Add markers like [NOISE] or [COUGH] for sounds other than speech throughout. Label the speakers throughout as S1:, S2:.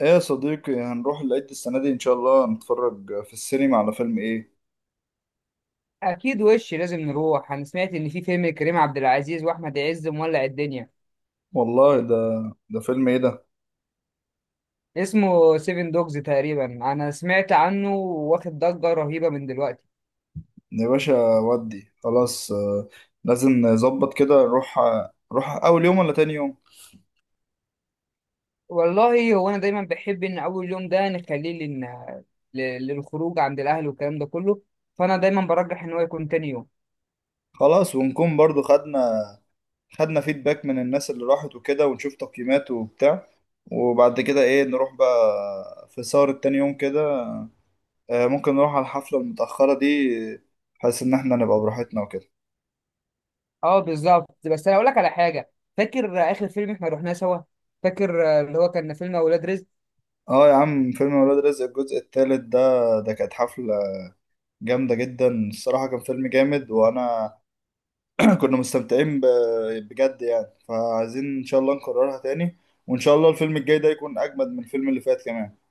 S1: ايه يا صديقي، هنروح العيد السنة دي إن شاء الله نتفرج في السينما على فيلم إيه؟
S2: اكيد وش لازم نروح. انا سمعت ان في فيلم كريم عبد العزيز واحمد عز مولع الدنيا.
S1: والله ده، ده فيلم إيه ده؟
S2: اسمه سيفن دوجز تقريبا، انا سمعت عنه واخد ضجة رهيبة من دلوقتي.
S1: يا باشا ودي خلاص آه، لازم نظبط كده نروح. نروح أول يوم ولا تاني يوم؟
S2: والله هو انا دايما بحب ان اول يوم ده نخليه لن... ل- للخروج عند الاهل والكلام ده كله، فانا دايما برجح ان هو يكون تاني يوم.
S1: خلاص ونكون برضو خدنا فيدباك من الناس اللي راحت وكده ونشوف تقييمات وبتاع، وبعد كده إيه نروح بقى في سهرة تاني يوم كده. آه، ممكن نروح على الحفلة المتأخرة دي بحيث إن إحنا نبقى براحتنا وكده.
S2: اه بالظبط، بس انا اقول لك على حاجة. فاكر اخر فيلم احنا رحناه سوا؟ فاكر اللي هو كان فيلم اولاد رزق.
S1: اه يا عم فيلم ولاد رزق الجزء الثالث ده، ده كانت حفلة جامدة جدا الصراحة، كان فيلم جامد وانا [CLEARS THROAT] كنا مستمتعين ب- بجد يعني، فعايزين ان شاء الله نكررها تاني، وان شاء الله الفيلم الجاي ده يكون اجمد من الفيلم اللي فات كمان. [LAUGHS]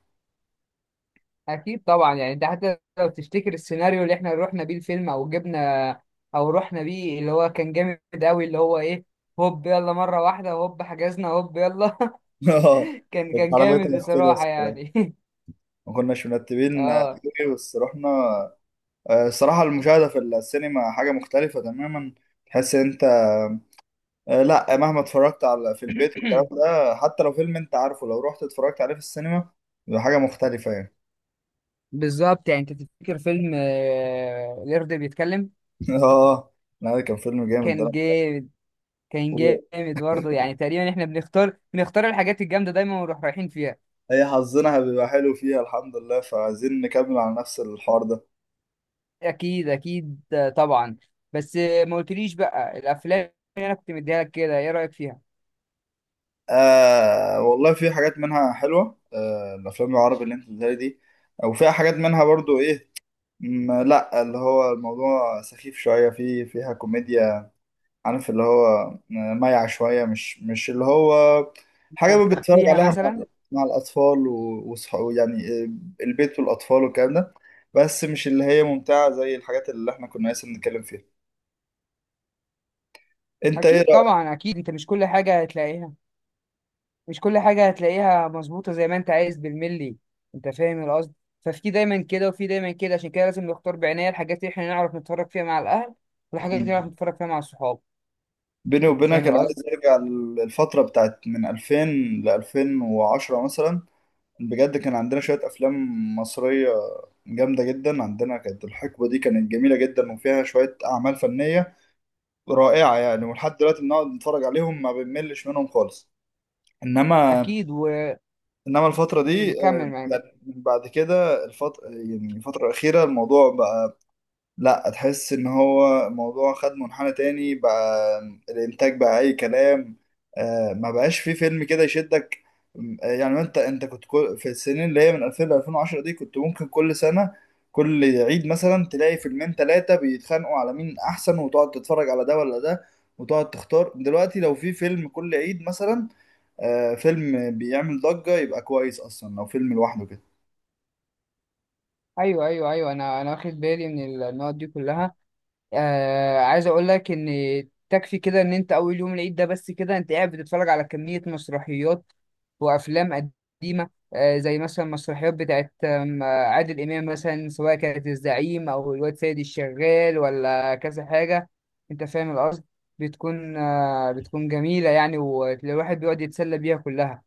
S2: اكيد طبعا، يعني انت حتى لو تفتكر السيناريو اللي احنا رحنا بيه الفيلم او جبنا او رحنا بيه، اللي هو كان جامد قوي، اللي هو ايه، هوب يلا مره واحده هوب حجزنا هوب يلا. [LAUGHS]
S1: اه،
S2: كان
S1: كانت
S2: كان جامد
S1: حلاوتها في كده،
S2: بصراحه يعني. [LAUGHS]
S1: ما كناش مرتبين آه،
S2: اه.
S1: أوي، بس رحنا. آه، الصراحة المشاهدة في السينما حاجة مختلفة تماما، تحس انت آه، لا مهما اتفرجت على في البيت والكلام
S2: [CLEARS THROAT]
S1: ده، حتى لو فيلم انت عارفه لو رحت اتفرجت عليه في السينما بيبقى حاجة مختلفة يعني.
S2: بالظبط، يعني انت تفتكر فيلم القرد بيتكلم؟
S1: [LAUGHS] اه، لا ده كان فيلم جامد ده.
S2: كان جامد. كان جامد برضه، يعني تقريبا احنا بنختار الحاجات الجامده دايما ونروح رايحين فيها.
S1: هي حظنا بيبقى حلو فيها الحمد لله، فعايزين نكمل على نفس الحوار ده.
S2: اكيد اكيد طبعا. بس ما قلتليش بقى الافلام اللي انا كنت مديها لك كده ايه رايك فيها؟
S1: آه والله في حاجات منها حلوة، آه الأفلام العربي اللي انت بتقولها دي، وفيها حاجات منها برضو ايه، لا اللي هو الموضوع سخيف شوية، في فيها كوميديا، عارف اللي هو آه، مايع شوية، مش اللي هو حاجة
S2: مبالغ
S1: بتتفرج
S2: فيها
S1: عليها
S2: مثلا.
S1: مع، مع الأطفال وصحابه يعني، آه، البيت والأطفال والكلام ده، بس مش اللي هي ممتعة زي الحاجات اللي احنا كنا لسه بنتكلم فيها. أنت إيه
S2: اكيد
S1: رأيك؟
S2: طبعا، اكيد انت مش كل حاجه هتلاقيها، مش كل حاجه هتلاقيها مظبوطه زي ما انت عايز بالملي، انت فاهم القصد. ففي دايما كده وفي دايما كده، عشان كده لازم نختار بعنايه الحاجات اللي احنا نعرف نتفرج فيها مع الاهل، والحاجات اللي نعرف نتفرج فيها مع الصحاب.
S1: بيني
S2: انت فاهم
S1: وبينك أنا
S2: القصد.
S1: عايز أرجع للفترة بتاعت من 2000 ل 2010 مثلا، بجد كان عندنا شوية أفلام مصرية جامدة جدا. عندنا كانت الحقبة دي كانت جميلة جدا وفيها شوية أعمال فنية رائعة يعني، ولحد دلوقتي بنقعد نتفرج عليهم ما بنملش منهم خالص. انما
S2: اكيد وكمل.
S1: انما الفترة دي آه،
S2: معاك.
S1: يعني بعد كده الفترة، يعني الفترة الأخيرة الموضوع بقى لا، تحس ان هو الموضوع خد منحنى تاني بقى، الانتاج بقى اي كلام، آه ما بقاش فيه فيلم كده يشدك. يعني انت كنت كل في السنين اللي هي من 2000 ل 2010 دي كنت ممكن كل سنة كل عيد مثلا تلاقي فيلمين ثلاثة بيتخانقوا على مين احسن، وتقعد تتفرج على ده ولا ده، وتقعد تختار. دلوقتي لو في فيلم كل عيد مثلا آه، فيلم بيعمل ضجة يبقى كويس اصلا لو فيلم لوحده كده.
S2: ايوه ايوه ايوه، انا واخد بالي من النقط دي كلها. آه، عايز اقول لك ان تكفي كده ان انت اول يوم العيد ده بس كده انت قاعد بتتفرج على كمية مسرحيات وافلام قديمة، آه زي مثلا مسرحيات بتاعت آم، آه، عادل امام، مثلا سواء كانت الزعيم او الواد سيد الشغال ولا كذا حاجة، انت فاهم القصد. بتكون آه، بتكون جميلة يعني، والواحد بيقعد يتسلى بيها كلها.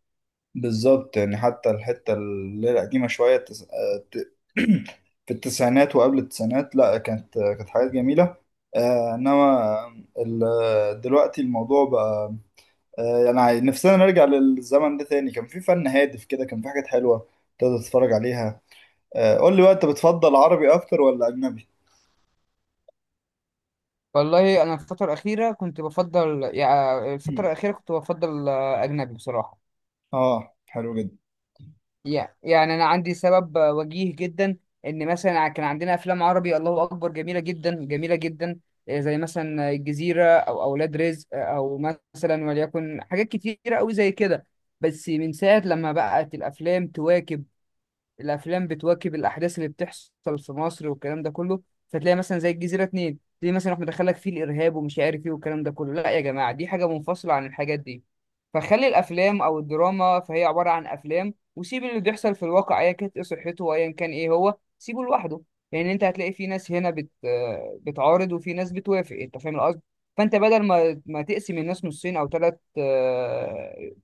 S1: بالظبط يعني، حتى الحتة اللي هي القديمة شوية، [CLEARS THROAT] في التسعينات وقبل التسعينات لا، كانت حاجات جميلة آه، إنما دلوقتي الموضوع بقى آه، يعني نفسنا نرجع للزمن ده تاني، كان في فن هادف كده، كان في حاجات حلوة تقدر تتفرج عليها. آه، قول لي بقى أنت بتفضل عربي أكتر ولا أجنبي؟
S2: والله انا الفترة الأخيرة كنت بفضل، يعني الفترة
S1: [CLEARS THROAT]
S2: الأخيرة كنت بفضل أجنبي بصراحة.
S1: آه حلو جدا.
S2: يعني انا عندي سبب وجيه جدا. ان مثلا كان عندنا افلام عربي الله اكبر جميله جدا جميله جدا، زي مثلا الجزيره او اولاد رزق، او مثلا وليكن حاجات كتيره قوي زي كده. بس من ساعه لما بقت الافلام تواكب، الافلام بتواكب الاحداث اللي بتحصل في مصر والكلام ده كله، فتلاقي مثلا زي الجزيره اتنين تلاقي مثلا احنا دخلك فيه الارهاب ومش عارف ايه والكلام ده كله. لا يا جماعه، دي حاجه منفصله عن الحاجات دي. فخلي الافلام او الدراما، فهي عباره عن افلام، وسيب اللي بيحصل في الواقع ايا كانت ايه صحته وايا كان ايه هو، سيبه لوحده. يعني انت هتلاقي في ناس هنا بت آه، بتعارض وفي ناس بتوافق، انت فاهم القصد. فانت بدل ما تقسم الناس نصين او ثلاث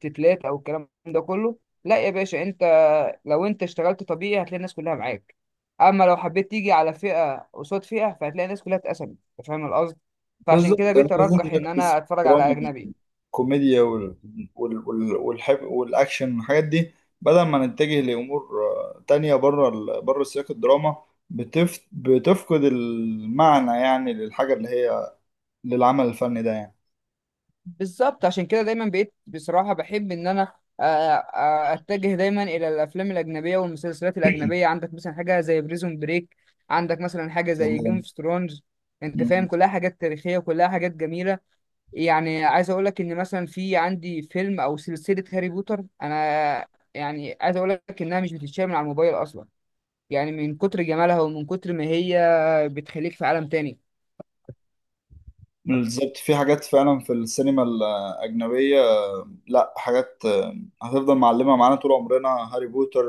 S2: تتلات او الكلام ده كله، لا يا باشا انت، لو انت اشتغلت طبيعي هتلاقي الناس كلها معاك، اما لو حبيت تيجي على فئه قصاد فئه فهتلاقي الناس كلها اتقسمت، انت فاهم القصد. فعشان
S1: بالظبط
S2: كده
S1: أنا
S2: بقيت
S1: لازم
S2: ارجح ان
S1: نركز في
S2: انا اتفرج على
S1: الدراما،
S2: اجنبي.
S1: الكوميديا والحب، والاكشن والحاجات دي، بدل ما نتجه لامور آه، تانية بره بره سياق الدراما، بتفقد المعنى يعني للحاجه اللي هي للعمل الفني ده يعني.
S2: بالظبط، عشان كده دايما بقيت بصراحة بحب إن أنا، آه، أتجه دايما إلى الأفلام الأجنبية والمسلسلات الأجنبية. عندك مثلا حاجة زي بريزون بريك، عندك مثلا حاجة زي جيم
S1: سلام.
S2: اوف ثرونز، أنت فاهم،
S1: مم.
S2: كلها حاجات تاريخية وكلها حاجات جميلة. يعني عايز أقول لك إن مثلا في عندي فيلم أو سلسلة هاري بوتر أنا، يعني عايز أقول لك إنها مش بتتشال من على الموبايل أصلا، يعني من كتر جمالها ومن كتر ما هي بتخليك في عالم تاني.
S1: بالظبط في حاجات فعلا في السينما الاجنبيه، لا حاجات آه، هتفضل معلمة معانا طول عمرنا. هاري بوتر،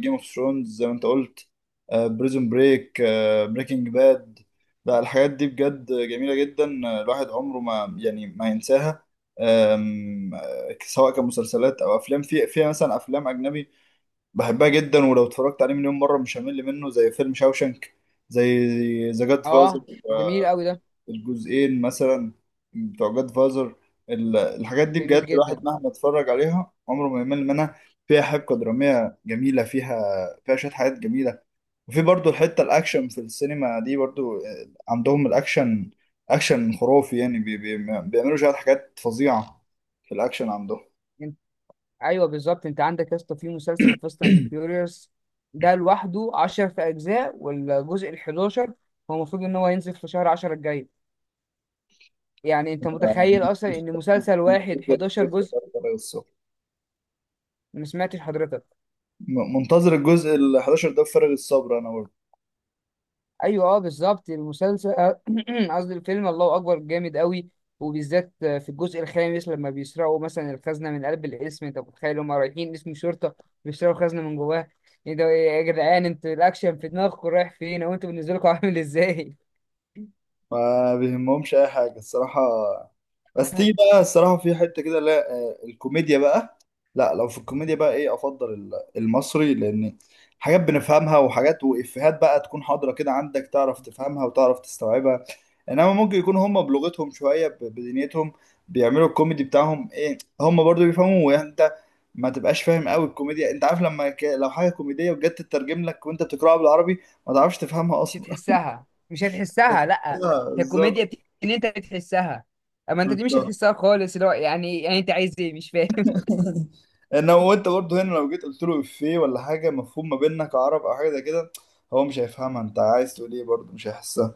S1: جيم اوف ثرونز زي ما انت قلت، بريزون بريك، بريكنج باد، لا الحاجات دي بجد جميلة جدا آه، الواحد عمره ما يعني ما ينساها. آم، آه، سواء كمسلسلات او افلام، في مثلا افلام اجنبي بحبها جدا، ولو اتفرجت عليه مليون مرة مش همل منه، زي فيلم شاوشنك، زي ذا جاد فازر.
S2: أه جميل أوي ده.
S1: الجزئين مثلا بتوع جاد فازر، الحاجات دي بجد
S2: جميل
S1: الواحد
S2: جدا.
S1: مهما اتفرج عليها عمره ما يمل منها. فيها حبكة درامية جميلة، فيها شوية حاجات جميلة، وفي برضو الحتة الأكشن في السينما دي برضو آه، عندهم الأكشن، أكشن خرافي يعني، بي بي بيعملوا شوية حاجات فظيعة في الأكشن عندهم.
S2: ايوه بالظبط، انت عندك يا اسطى في مسلسل فاست اند فيوريوس، ده لوحده 10 في اجزاء، والجزء ال 11 هو المفروض ان هو ينزل في شهر 10 الجاي. يعني انت متخيل اصلا
S1: مش-
S2: ان مسلسل واحد
S1: منتظر
S2: 11
S1: الجزء
S2: جزء؟
S1: ده بفارغ الصبر.
S2: ما سمعتش حضرتك.
S1: منتظر الجزء ال 11 ده بفارغ الصبر أنا.
S2: ايوه اه بالظبط المسلسل، [CLEARS THROAT] قصدي الفيلم، الله اكبر جامد قوي. وبالذات في الجزء الخامس لما بيسرقوا مثلا الخزنه من قلب القسم، انت متخيل هم رايحين قسم شرطه بيسرقوا خزنه من جواه؟ ايه ده، إيه يا جدعان، انتوا الاكشن في دماغكم رايح فين او انتوا بالنسبه لكم عامل ازاي؟ [LAUGHS]
S1: ما بيهمهمش اي حاجه الصراحه، بس تيجي بقى الصراحه في حته كده لا آه، الكوميديا بقى، لا لو في الكوميديا بقى ايه افضل المصري، لان حاجات بنفهمها وحاجات وافيهات بقى تكون حاضره كده عندك، تعرف تفهمها وتعرف تستوعبها. انما ممكن يكون هم بلغتهم شويه بدنيتهم بيعملوا الكوميدي بتاعهم ايه، هم برضو بيفهموا يعني انت ما تبقاش فاهم قوي الكوميديا. انت عارف لما لو حاجه كوميديه وجت تترجم لك وانت بتقراها بالعربي ما تعرفش تفهمها
S2: مش
S1: اصلا.
S2: هتحسها، مش هتحسها،
S1: [LAUGHS]
S2: لا. هي
S1: بالظبط.
S2: الكوميديا ان انت بتحسها، اما انت دي مش
S1: بالظبط
S2: هتحسها خالص، اللي هو يعني، يعني انت عايز ايه مش فاهم.
S1: انا وانت برضه هنا لو جيت قلت له افيه ولا حاجه مفهوم ما بيننا كعرب او حاجه زي كده، هو مش هيفهمها، انت عايز تقول ايه برضه مش هيحسها.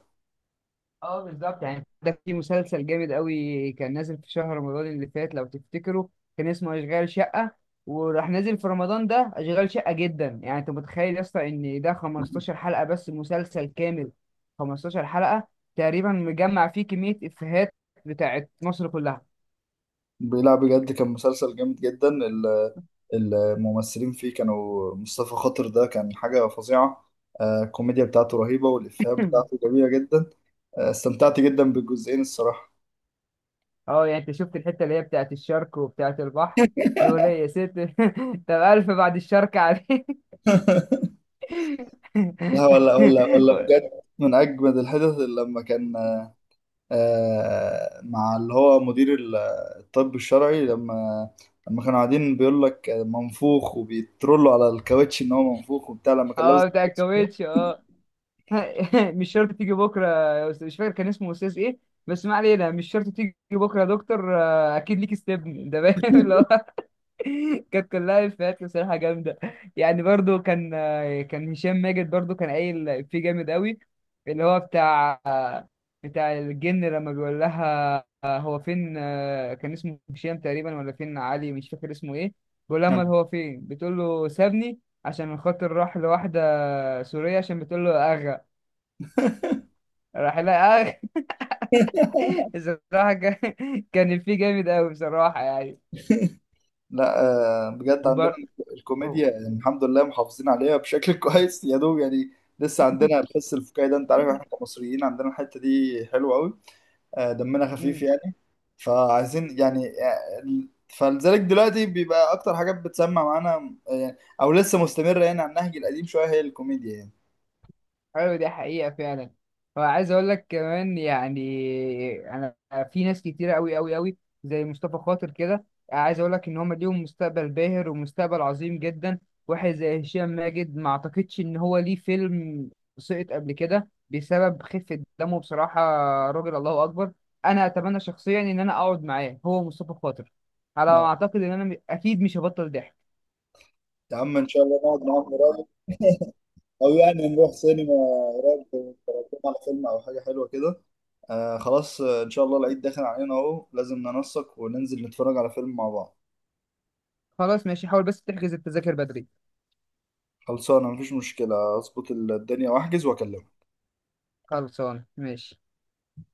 S2: [LAUGHS] اه بالظبط. يعني ده في مسلسل جامد قوي كان نازل في شهر رمضان اللي فات لو تفتكروا، كان اسمه اشغال شقة، وراح نازل في رمضان ده اشغال شقة جدا. يعني انت متخيل يا اسطى ان ده 15 حلقة بس مسلسل كامل، 15 حلقة تقريبا مجمع فيه كمية افيهات بتاعت مصر كلها.
S1: لا بجد كان مسلسل جامد جدا الممثلين فيه كانوا مصطفى خاطر، ده كان حاجه فظيعه آه، الكوميديا بتاعته رهيبه والافيهات بتاعته
S2: [LAUGHS]
S1: جميله جدا. آه، استمتعت جدا بالجزئين الصراحه.
S2: اه يعني انت شفت الحته اللي هي بتاعت الشرق وبتاعت البحر، يقول ايه يا ست؟ [LAUGHS] طب الف بعد الشرق عليك. [LAUGHS]
S1: [LAUGHS] لا ولا ولا ولا بجد، من اجمد الحدث لما كان آه، مع اللي هو مدير الطب الشرعي، لما كانوا قاعدين بيقول لك منفوخ وبيترولوا على الكاوتش ان هو منفوخ وبتاع، لما كان لابس
S2: اه بتاع
S1: الكاوتش.
S2: الكاوتش اه. [LAUGHS] مش شرط تيجي بكره يا استاذ، مش فاكر كان اسمه استاذ ايه، بس ما علينا، مش شرط تيجي بكره يا دكتور، آه، اكيد ليك استبن ده باين. [LAUGHS] كانت كلها افيهات بصراحه جامده. يعني برضو كان، كان هشام ماجد برضو كان قايل فيه جامد قوي، اللي هو بتاع الجن لما بيقول لها هو فين، كان اسمه هشام تقريبا ولا فين علي مش فاكر اسمه ايه، بيقول لها امال
S1: نعم.
S2: هو فين، بتقول له سابني عشان خاطر راح لواحده سوريه عشان بتقول له اغا، راح لها اغا. [LAUGHS] بصراحه كان، كان فيه جامد قوي بصراحه يعني.
S1: لا آه، بجد عندنا
S2: وبر...
S1: الكوميديا يعني الحمد لله محافظين عليها بشكل [LAUGHS] كويس يا دوب يعني. لسه عندنا الحس الفكاهي ده، انت عارف احنا كمصريين عندنا الحتة دي حلوة قوي آه، دمنا خفيف يعني، فعايزين يعني آه، فلذلك دلوقتي بيبقى اكتر حاجات بتسمع معانا آه، يعني او لسه مستمره يعني على النهج القديم شويه هي الكوميديا يعني.
S2: ايوه دي حقيقة فعلا. وعايز اقول لك كمان، يعني انا في ناس كتيرة قوي قوي قوي زي مصطفى خاطر كده، عايز اقول لك ان هم ليهم مستقبل باهر ومستقبل عظيم جدا. واحد زي هشام ماجد ما اعتقدش ان هو ليه فيلم سقط قبل كده بسبب خفة دمه بصراحة، راجل الله اكبر. انا اتمنى شخصيا ان انا اقعد معاه هو مصطفى خاطر، على
S1: اه
S2: ما اعتقد ان انا اكيد مش هبطل ضحك.
S1: يا عم، ان شاء الله نقعد معاهم قريب، او يعني نروح سينما قريب نتفرج على فيلم او حاجه حلوه كده. آه خلاص آه، ان شاء الله العيد داخل علينا اهو، لازم ننسق وننزل نتفرج على فيلم مع بعض.
S2: خلاص ماشي، حاول بس تحجز التذاكر بدري.
S1: خلصانه، مفيش مشكله، اظبط الدنيا واحجز واكلمك.
S2: خلصان ماشي.